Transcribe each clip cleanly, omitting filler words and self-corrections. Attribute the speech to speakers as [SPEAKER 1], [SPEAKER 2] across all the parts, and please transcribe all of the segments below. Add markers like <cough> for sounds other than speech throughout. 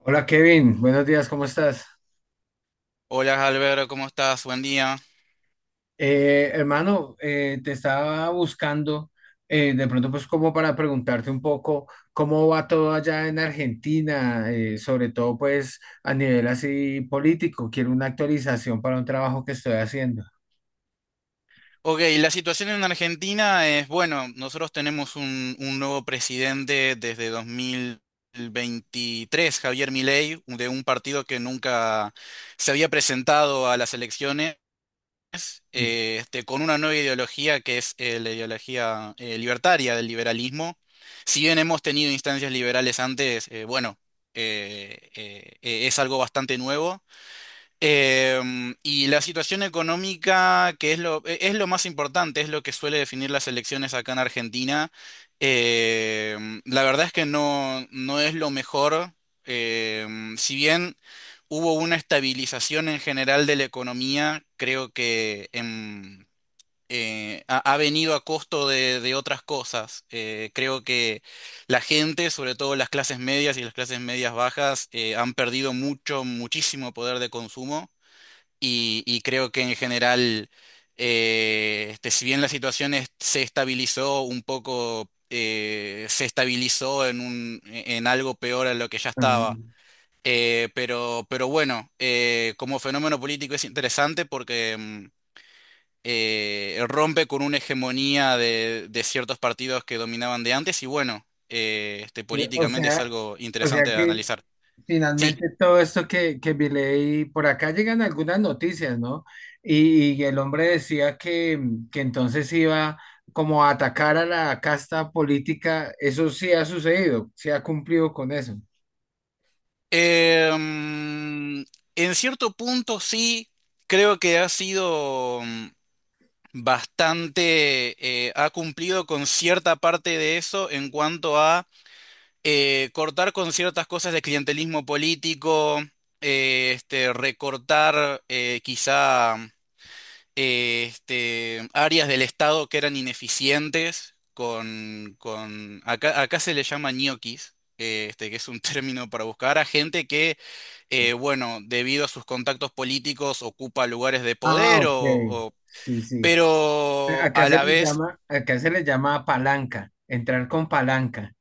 [SPEAKER 1] Hola Kevin, buenos días, ¿cómo estás?
[SPEAKER 2] Hola Alberto, ¿cómo estás? Buen día.
[SPEAKER 1] Hermano, te estaba buscando de pronto, pues, como para preguntarte un poco cómo va todo allá en Argentina, sobre todo pues a nivel así político. Quiero una actualización para un trabajo que estoy haciendo.
[SPEAKER 2] Ok, la situación en Argentina es, bueno, nosotros tenemos un nuevo presidente desde 2023, Javier Milei, de un partido que nunca se había presentado a las elecciones, con una nueva ideología que es la ideología libertaria del liberalismo. Si bien hemos tenido instancias liberales antes, es algo bastante nuevo. Y la situación económica, que es es lo más importante, es lo que suele definir las elecciones acá en Argentina. La verdad es que no es lo mejor. Si bien hubo una estabilización en general de la economía, creo que ha venido a costo de otras cosas. Creo que la gente, sobre todo las clases medias y las clases medias bajas, han perdido mucho, muchísimo poder de consumo y creo que en general, si bien se estabilizó un poco, se estabilizó en en algo peor a lo que ya estaba.
[SPEAKER 1] Mm.
[SPEAKER 2] Pero bueno, como fenómeno político es interesante porque rompe con una hegemonía de ciertos partidos que dominaban de antes y bueno,
[SPEAKER 1] eh, O
[SPEAKER 2] políticamente es
[SPEAKER 1] sea,
[SPEAKER 2] algo
[SPEAKER 1] o sea
[SPEAKER 2] interesante de
[SPEAKER 1] que
[SPEAKER 2] analizar. Sí.
[SPEAKER 1] finalmente, todo esto que vi, leí, por acá llegan algunas noticias, ¿no? Y el hombre decía que que entonces iba como a atacar a la casta política. Eso sí ha sucedido, sí ha cumplido con eso.
[SPEAKER 2] Em, en cierto punto sí, creo que ha sido bastante, ha cumplido con cierta parte de eso en cuanto a cortar con ciertas cosas de clientelismo político, recortar quizá áreas del Estado que eran ineficientes con acá, acá se le llama ñoquis, que es un <laughs> término para buscar a gente que, bueno, debido a sus contactos políticos ocupa lugares de
[SPEAKER 1] Ah,
[SPEAKER 2] poder
[SPEAKER 1] ok. Sí, sí.
[SPEAKER 2] pero a la vez...
[SPEAKER 1] Acá se les llama palanca, entrar con palanca.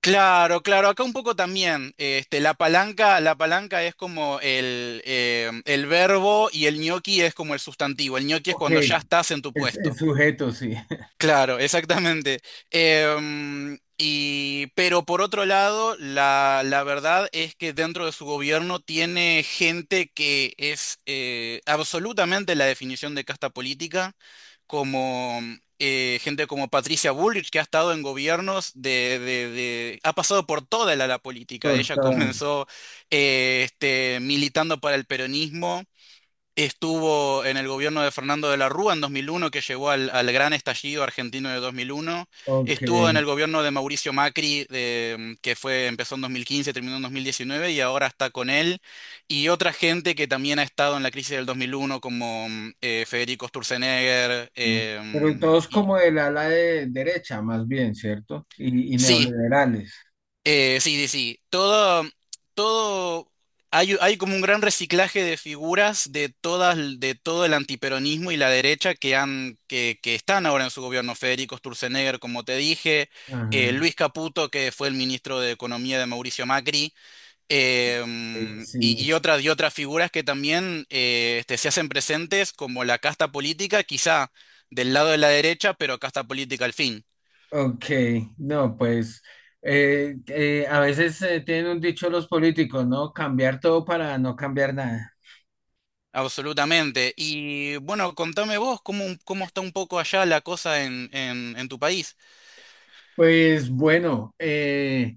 [SPEAKER 2] Claro, claro, acá un poco también, la palanca es como el verbo y el ñoqui es como el sustantivo. El ñoqui es
[SPEAKER 1] Ok,
[SPEAKER 2] cuando ya estás en tu
[SPEAKER 1] el
[SPEAKER 2] puesto.
[SPEAKER 1] sujeto, sí. <laughs>
[SPEAKER 2] Claro, exactamente. Pero por otro lado, la verdad es que dentro de su gobierno tiene gente que es absolutamente la definición de casta política, como gente como Patricia Bullrich, que ha estado en gobiernos de, ha pasado por toda la política. Ella
[SPEAKER 1] Cortar.
[SPEAKER 2] comenzó militando para el peronismo. Estuvo en el gobierno de Fernando de la Rúa en 2001, que llegó al gran estallido argentino de 2001.
[SPEAKER 1] Ok.
[SPEAKER 2] Estuvo en el gobierno de Mauricio Macri, que fue, empezó en 2015, terminó en 2019 y ahora está con él. Y otra gente que también ha estado en la crisis del 2001, como Federico Sturzenegger.
[SPEAKER 1] Mm. Pero y todos como del ala de derecha, más bien, ¿cierto? Y
[SPEAKER 2] Sí.
[SPEAKER 1] neoliberales.
[SPEAKER 2] Sí, sí, sí. Todo, hay como un gran reciclaje de figuras de todas, de todo el antiperonismo y la derecha que han, que están ahora en su gobierno. Federico Sturzenegger, como te dije,
[SPEAKER 1] Ajá.
[SPEAKER 2] Luis Caputo, que fue el ministro de Economía de Mauricio Macri,
[SPEAKER 1] Sí.
[SPEAKER 2] y otras figuras que también se hacen presentes como la casta política, quizá del lado de la derecha, pero casta política al fin.
[SPEAKER 1] Ok, no, pues, a veces tienen un dicho los políticos, ¿no? Cambiar todo para no cambiar nada.
[SPEAKER 2] Absolutamente. Y bueno, contame vos cómo, cómo está un poco allá la cosa en tu país.
[SPEAKER 1] Pues bueno,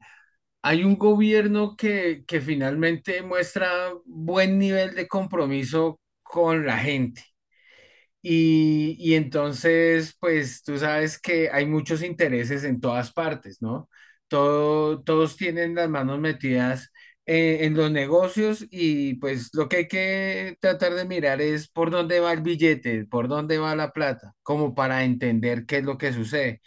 [SPEAKER 1] hay un gobierno que finalmente muestra buen nivel de compromiso con la gente. Y entonces, pues tú sabes que hay muchos intereses en todas partes, ¿no? Todos tienen las manos metidas en los negocios y pues lo que hay que tratar de mirar es por dónde va el billete, por dónde va la plata, como para entender qué es lo que sucede.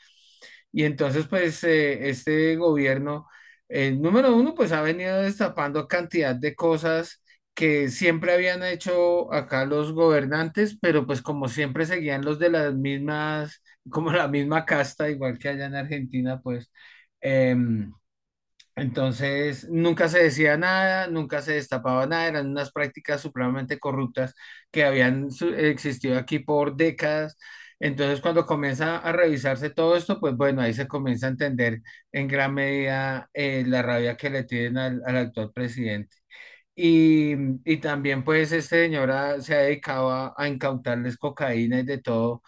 [SPEAKER 1] Y entonces, pues, este gobierno, número uno, pues ha venido destapando cantidad de cosas que siempre habían hecho acá los gobernantes, pero pues como siempre seguían los de las mismas, como la misma casta, igual que allá en Argentina, pues. em, entonces, nunca se decía nada, nunca se destapaba nada, eran unas prácticas supremamente corruptas que existido aquí por décadas. Entonces, cuando comienza a revisarse todo esto, pues bueno, ahí se comienza a entender en gran medida la rabia que le tienen al actual presidente. Y, y también pues este señor se ha dedicado a incautarles cocaína y de todo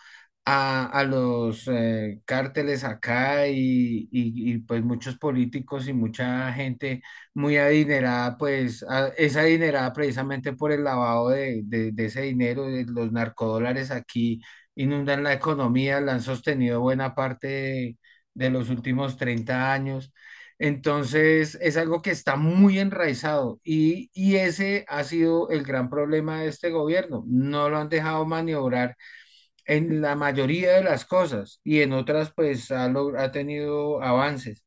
[SPEAKER 1] a los cárteles acá y pues muchos políticos y mucha gente muy adinerada, pues es adinerada precisamente por el lavado de ese dinero, de los narcodólares aquí inundan la economía, la han sostenido buena parte de los últimos 30 años. Entonces, es algo que está muy enraizado y ese ha sido el gran problema de este gobierno. No lo han dejado maniobrar en la mayoría de las cosas y en otras, pues, ha tenido avances.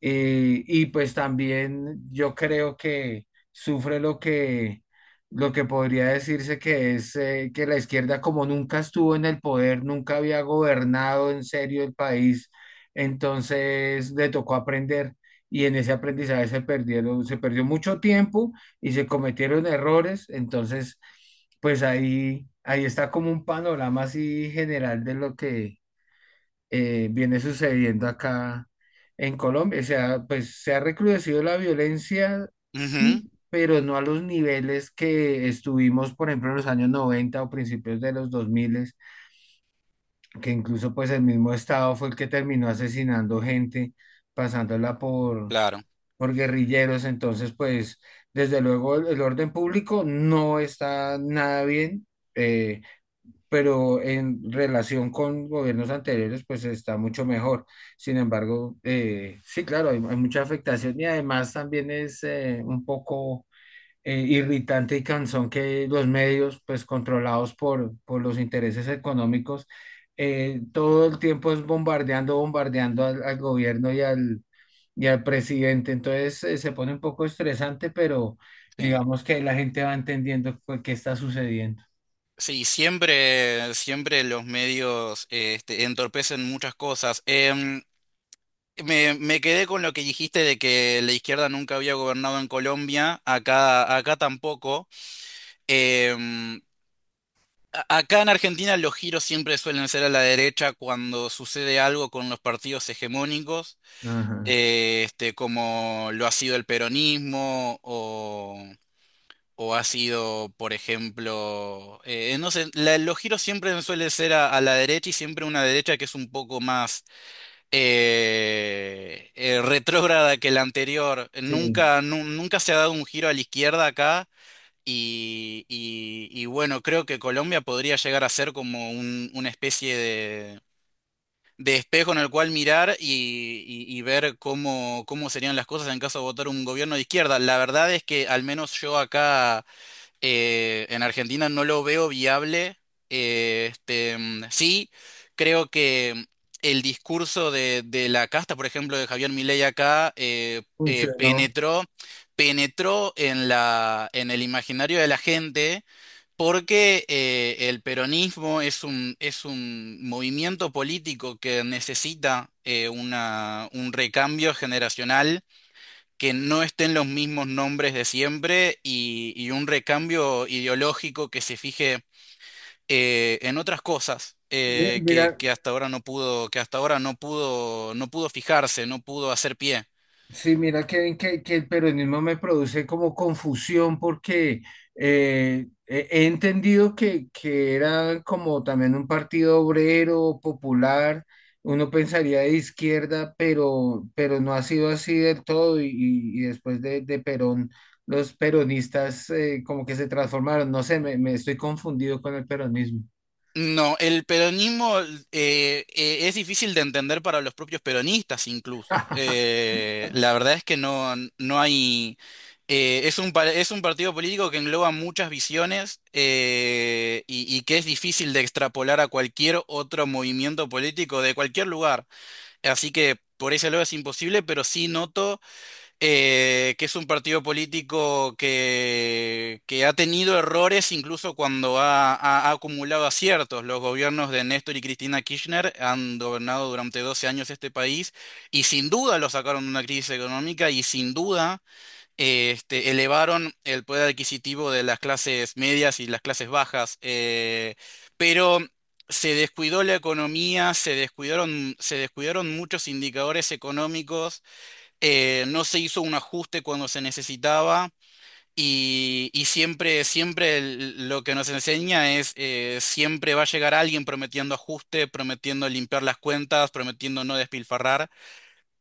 [SPEAKER 1] Y pues también yo creo que sufre lo que podría decirse que es que la izquierda, como nunca estuvo en el poder, nunca había gobernado en serio el país, entonces le tocó aprender y en ese aprendizaje se perdieron, se perdió mucho tiempo y se cometieron errores, entonces pues ahí está como un panorama así general de lo que viene sucediendo acá en Colombia. O sea, pues se ha recrudecido la violencia, sí,
[SPEAKER 2] Ujú,
[SPEAKER 1] pero no a los niveles que estuvimos, por ejemplo, en los años 90 o principios de los 2000, que incluso pues el mismo Estado fue el que terminó asesinando gente, pasándola
[SPEAKER 2] claro,
[SPEAKER 1] por guerrilleros. Entonces, pues, desde luego el orden público no está nada bien. eh, pero en relación con gobiernos anteriores, pues está mucho mejor. Sin embargo, sí, claro, hay mucha afectación y además también es un poco irritante y cansón que los medios, pues controlados por los intereses económicos, todo el tiempo es bombardeando, bombardeando al gobierno y al presidente. Entonces, se pone un poco estresante, pero
[SPEAKER 2] sí.
[SPEAKER 1] digamos que la gente va entendiendo, pues, qué está sucediendo.
[SPEAKER 2] Sí, siempre, siempre los medios este, entorpecen muchas cosas. Me quedé con lo que dijiste de que la izquierda nunca había gobernado en Colombia, acá, acá tampoco. Em, acá en Argentina los giros siempre suelen ser a la derecha cuando sucede algo con los partidos hegemónicos.
[SPEAKER 1] Ajá.
[SPEAKER 2] Como lo ha sido el peronismo o ha sido, por ejemplo, no sé, los giros siempre suelen ser a la derecha y siempre una derecha que es un poco más retrógrada que la anterior.
[SPEAKER 1] Sí.
[SPEAKER 2] Nunca se ha dado un giro a la izquierda acá. Y bueno, creo que Colombia podría llegar a ser como una especie de espejo en el cual mirar y ver cómo, cómo serían las cosas en caso de votar un gobierno de izquierda. La verdad es que al menos yo acá en Argentina no lo veo viable. Sí, creo que el discurso de la casta, por ejemplo, de Javier Milei acá,
[SPEAKER 1] Funcionó.
[SPEAKER 2] penetró, penetró en en el imaginario de la gente. Porque el peronismo es es un movimiento político que necesita un recambio generacional, que no estén los mismos nombres de siempre y un recambio ideológico que se fije en otras cosas
[SPEAKER 1] Mira,
[SPEAKER 2] que hasta ahora no pudo, que hasta ahora no pudo, no pudo fijarse, no pudo hacer pie.
[SPEAKER 1] sí, mira que el peronismo me produce como confusión porque he entendido que era como también un partido obrero, popular, uno pensaría de izquierda, pero no ha sido así del todo y después de Perón, los peronistas como que se transformaron, no sé, me estoy confundido con el peronismo.
[SPEAKER 2] No, el peronismo es difícil de entender para los propios peronistas incluso.
[SPEAKER 1] <laughs>
[SPEAKER 2] La verdad es que no hay... es un partido político que engloba muchas visiones y que es difícil de extrapolar a cualquier otro movimiento político de cualquier lugar. Así que por ese lado es imposible, pero sí noto que es un partido político que ha tenido errores incluso cuando ha acumulado aciertos. Los gobiernos de Néstor y Cristina Kirchner han gobernado durante 12 años este país y sin duda lo sacaron de una crisis económica y sin duda elevaron el poder adquisitivo de las clases medias y las clases bajas. Eh, pero... se descuidó la economía, se descuidaron muchos indicadores económicos, no se hizo un ajuste cuando se necesitaba y siempre, lo que nos enseña es siempre va a llegar alguien prometiendo ajuste, prometiendo limpiar las cuentas, prometiendo no despilfarrar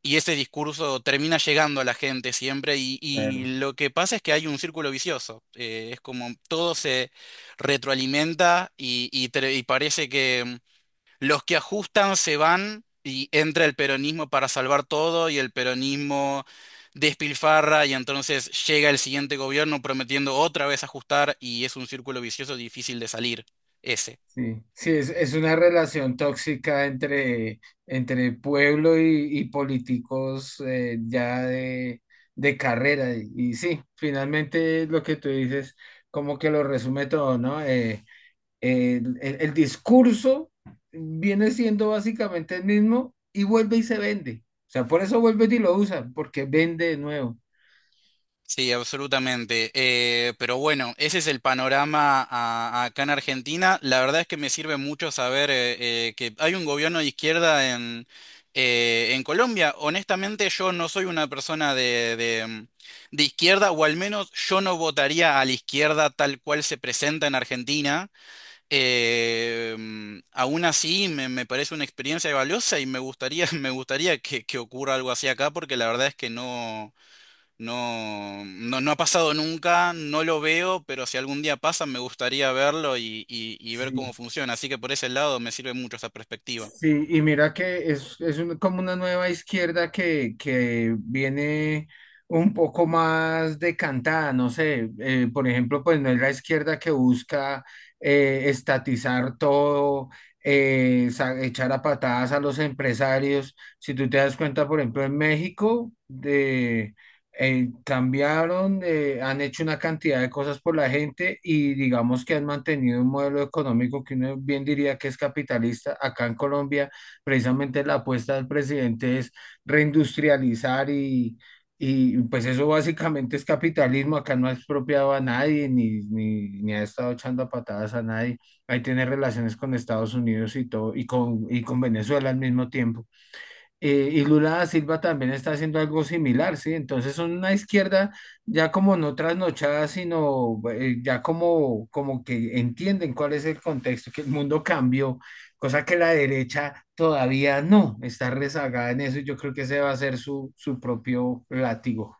[SPEAKER 2] y ese discurso termina llegando a la gente siempre y
[SPEAKER 1] Claro.
[SPEAKER 2] lo que pasa es que hay un círculo vicioso, es como todo se retroalimenta y parece que... los que ajustan se van y entra el peronismo para salvar todo y el peronismo despilfarra y entonces llega el siguiente gobierno prometiendo otra vez ajustar y es un círculo vicioso difícil de salir. Ese.
[SPEAKER 1] Sí, sí, es una relación tóxica entre entre pueblo y políticos ya de carrera. Y sí, finalmente lo que tú dices, como que lo resume todo, ¿no? El discurso viene siendo básicamente el mismo y vuelve y se vende. O sea, por eso vuelve y lo usan, porque vende de nuevo.
[SPEAKER 2] Sí, absolutamente. Pero bueno, ese es el panorama acá en Argentina. La verdad es que me sirve mucho saber que hay un gobierno de izquierda en Colombia. Honestamente, yo no soy una persona de izquierda, o al menos yo no votaría a la izquierda tal cual se presenta en Argentina. Aún así, me parece una experiencia valiosa y me gustaría, <laughs> me gustaría que ocurra algo así acá, porque la verdad es que no. No ha pasado nunca, no lo veo, pero si algún día pasa me gustaría verlo y ver cómo funciona. Así que por ese lado me sirve mucho esa perspectiva.
[SPEAKER 1] Sí, y mira que es como una nueva izquierda que viene un poco más decantada, no sé, por ejemplo, pues no es la izquierda que busca estatizar todo, echar a patadas a los empresarios. Si tú te das cuenta, por ejemplo, en México, cambiaron, han hecho una cantidad de cosas por la gente y digamos que han mantenido un modelo económico que uno bien diría que es capitalista. Acá en Colombia, precisamente la apuesta del presidente es reindustrializar y pues eso básicamente es capitalismo. Acá no ha expropiado a nadie ni ha estado echando a patadas a nadie. Ahí tiene relaciones con Estados Unidos y todo y y con Venezuela al mismo tiempo. Y Lula da Silva también está haciendo algo similar, ¿sí? Entonces son una izquierda ya como no trasnochada, sino ya como, como que entienden cuál es el contexto, que el mundo cambió, cosa que la derecha todavía no, está rezagada en eso y yo creo que ese va a ser su, su propio látigo.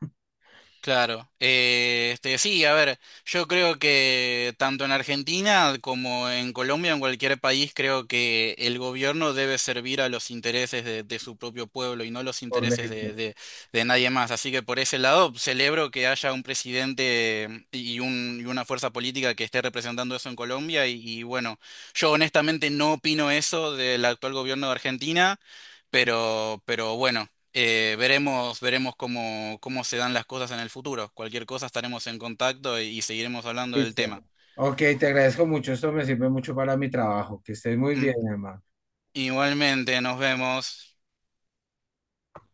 [SPEAKER 2] Claro. Sí, a ver, yo creo que tanto en Argentina como en Colombia, en cualquier país, creo que el gobierno debe servir a los intereses de su propio pueblo y no los intereses
[SPEAKER 1] Correcto.
[SPEAKER 2] de nadie más. Así que por ese lado, celebro que haya un presidente y una fuerza política que esté representando eso en Colombia. Bueno, yo honestamente no opino eso del actual gobierno de Argentina, pero bueno. Veremos, veremos cómo, cómo se dan las cosas en el futuro. Cualquier cosa estaremos en contacto y seguiremos hablando del tema.
[SPEAKER 1] Listo. Ok, te agradezco mucho, esto me sirve mucho para mi trabajo, que estés muy
[SPEAKER 2] Mm.
[SPEAKER 1] bien, hermano.
[SPEAKER 2] Igualmente, nos vemos.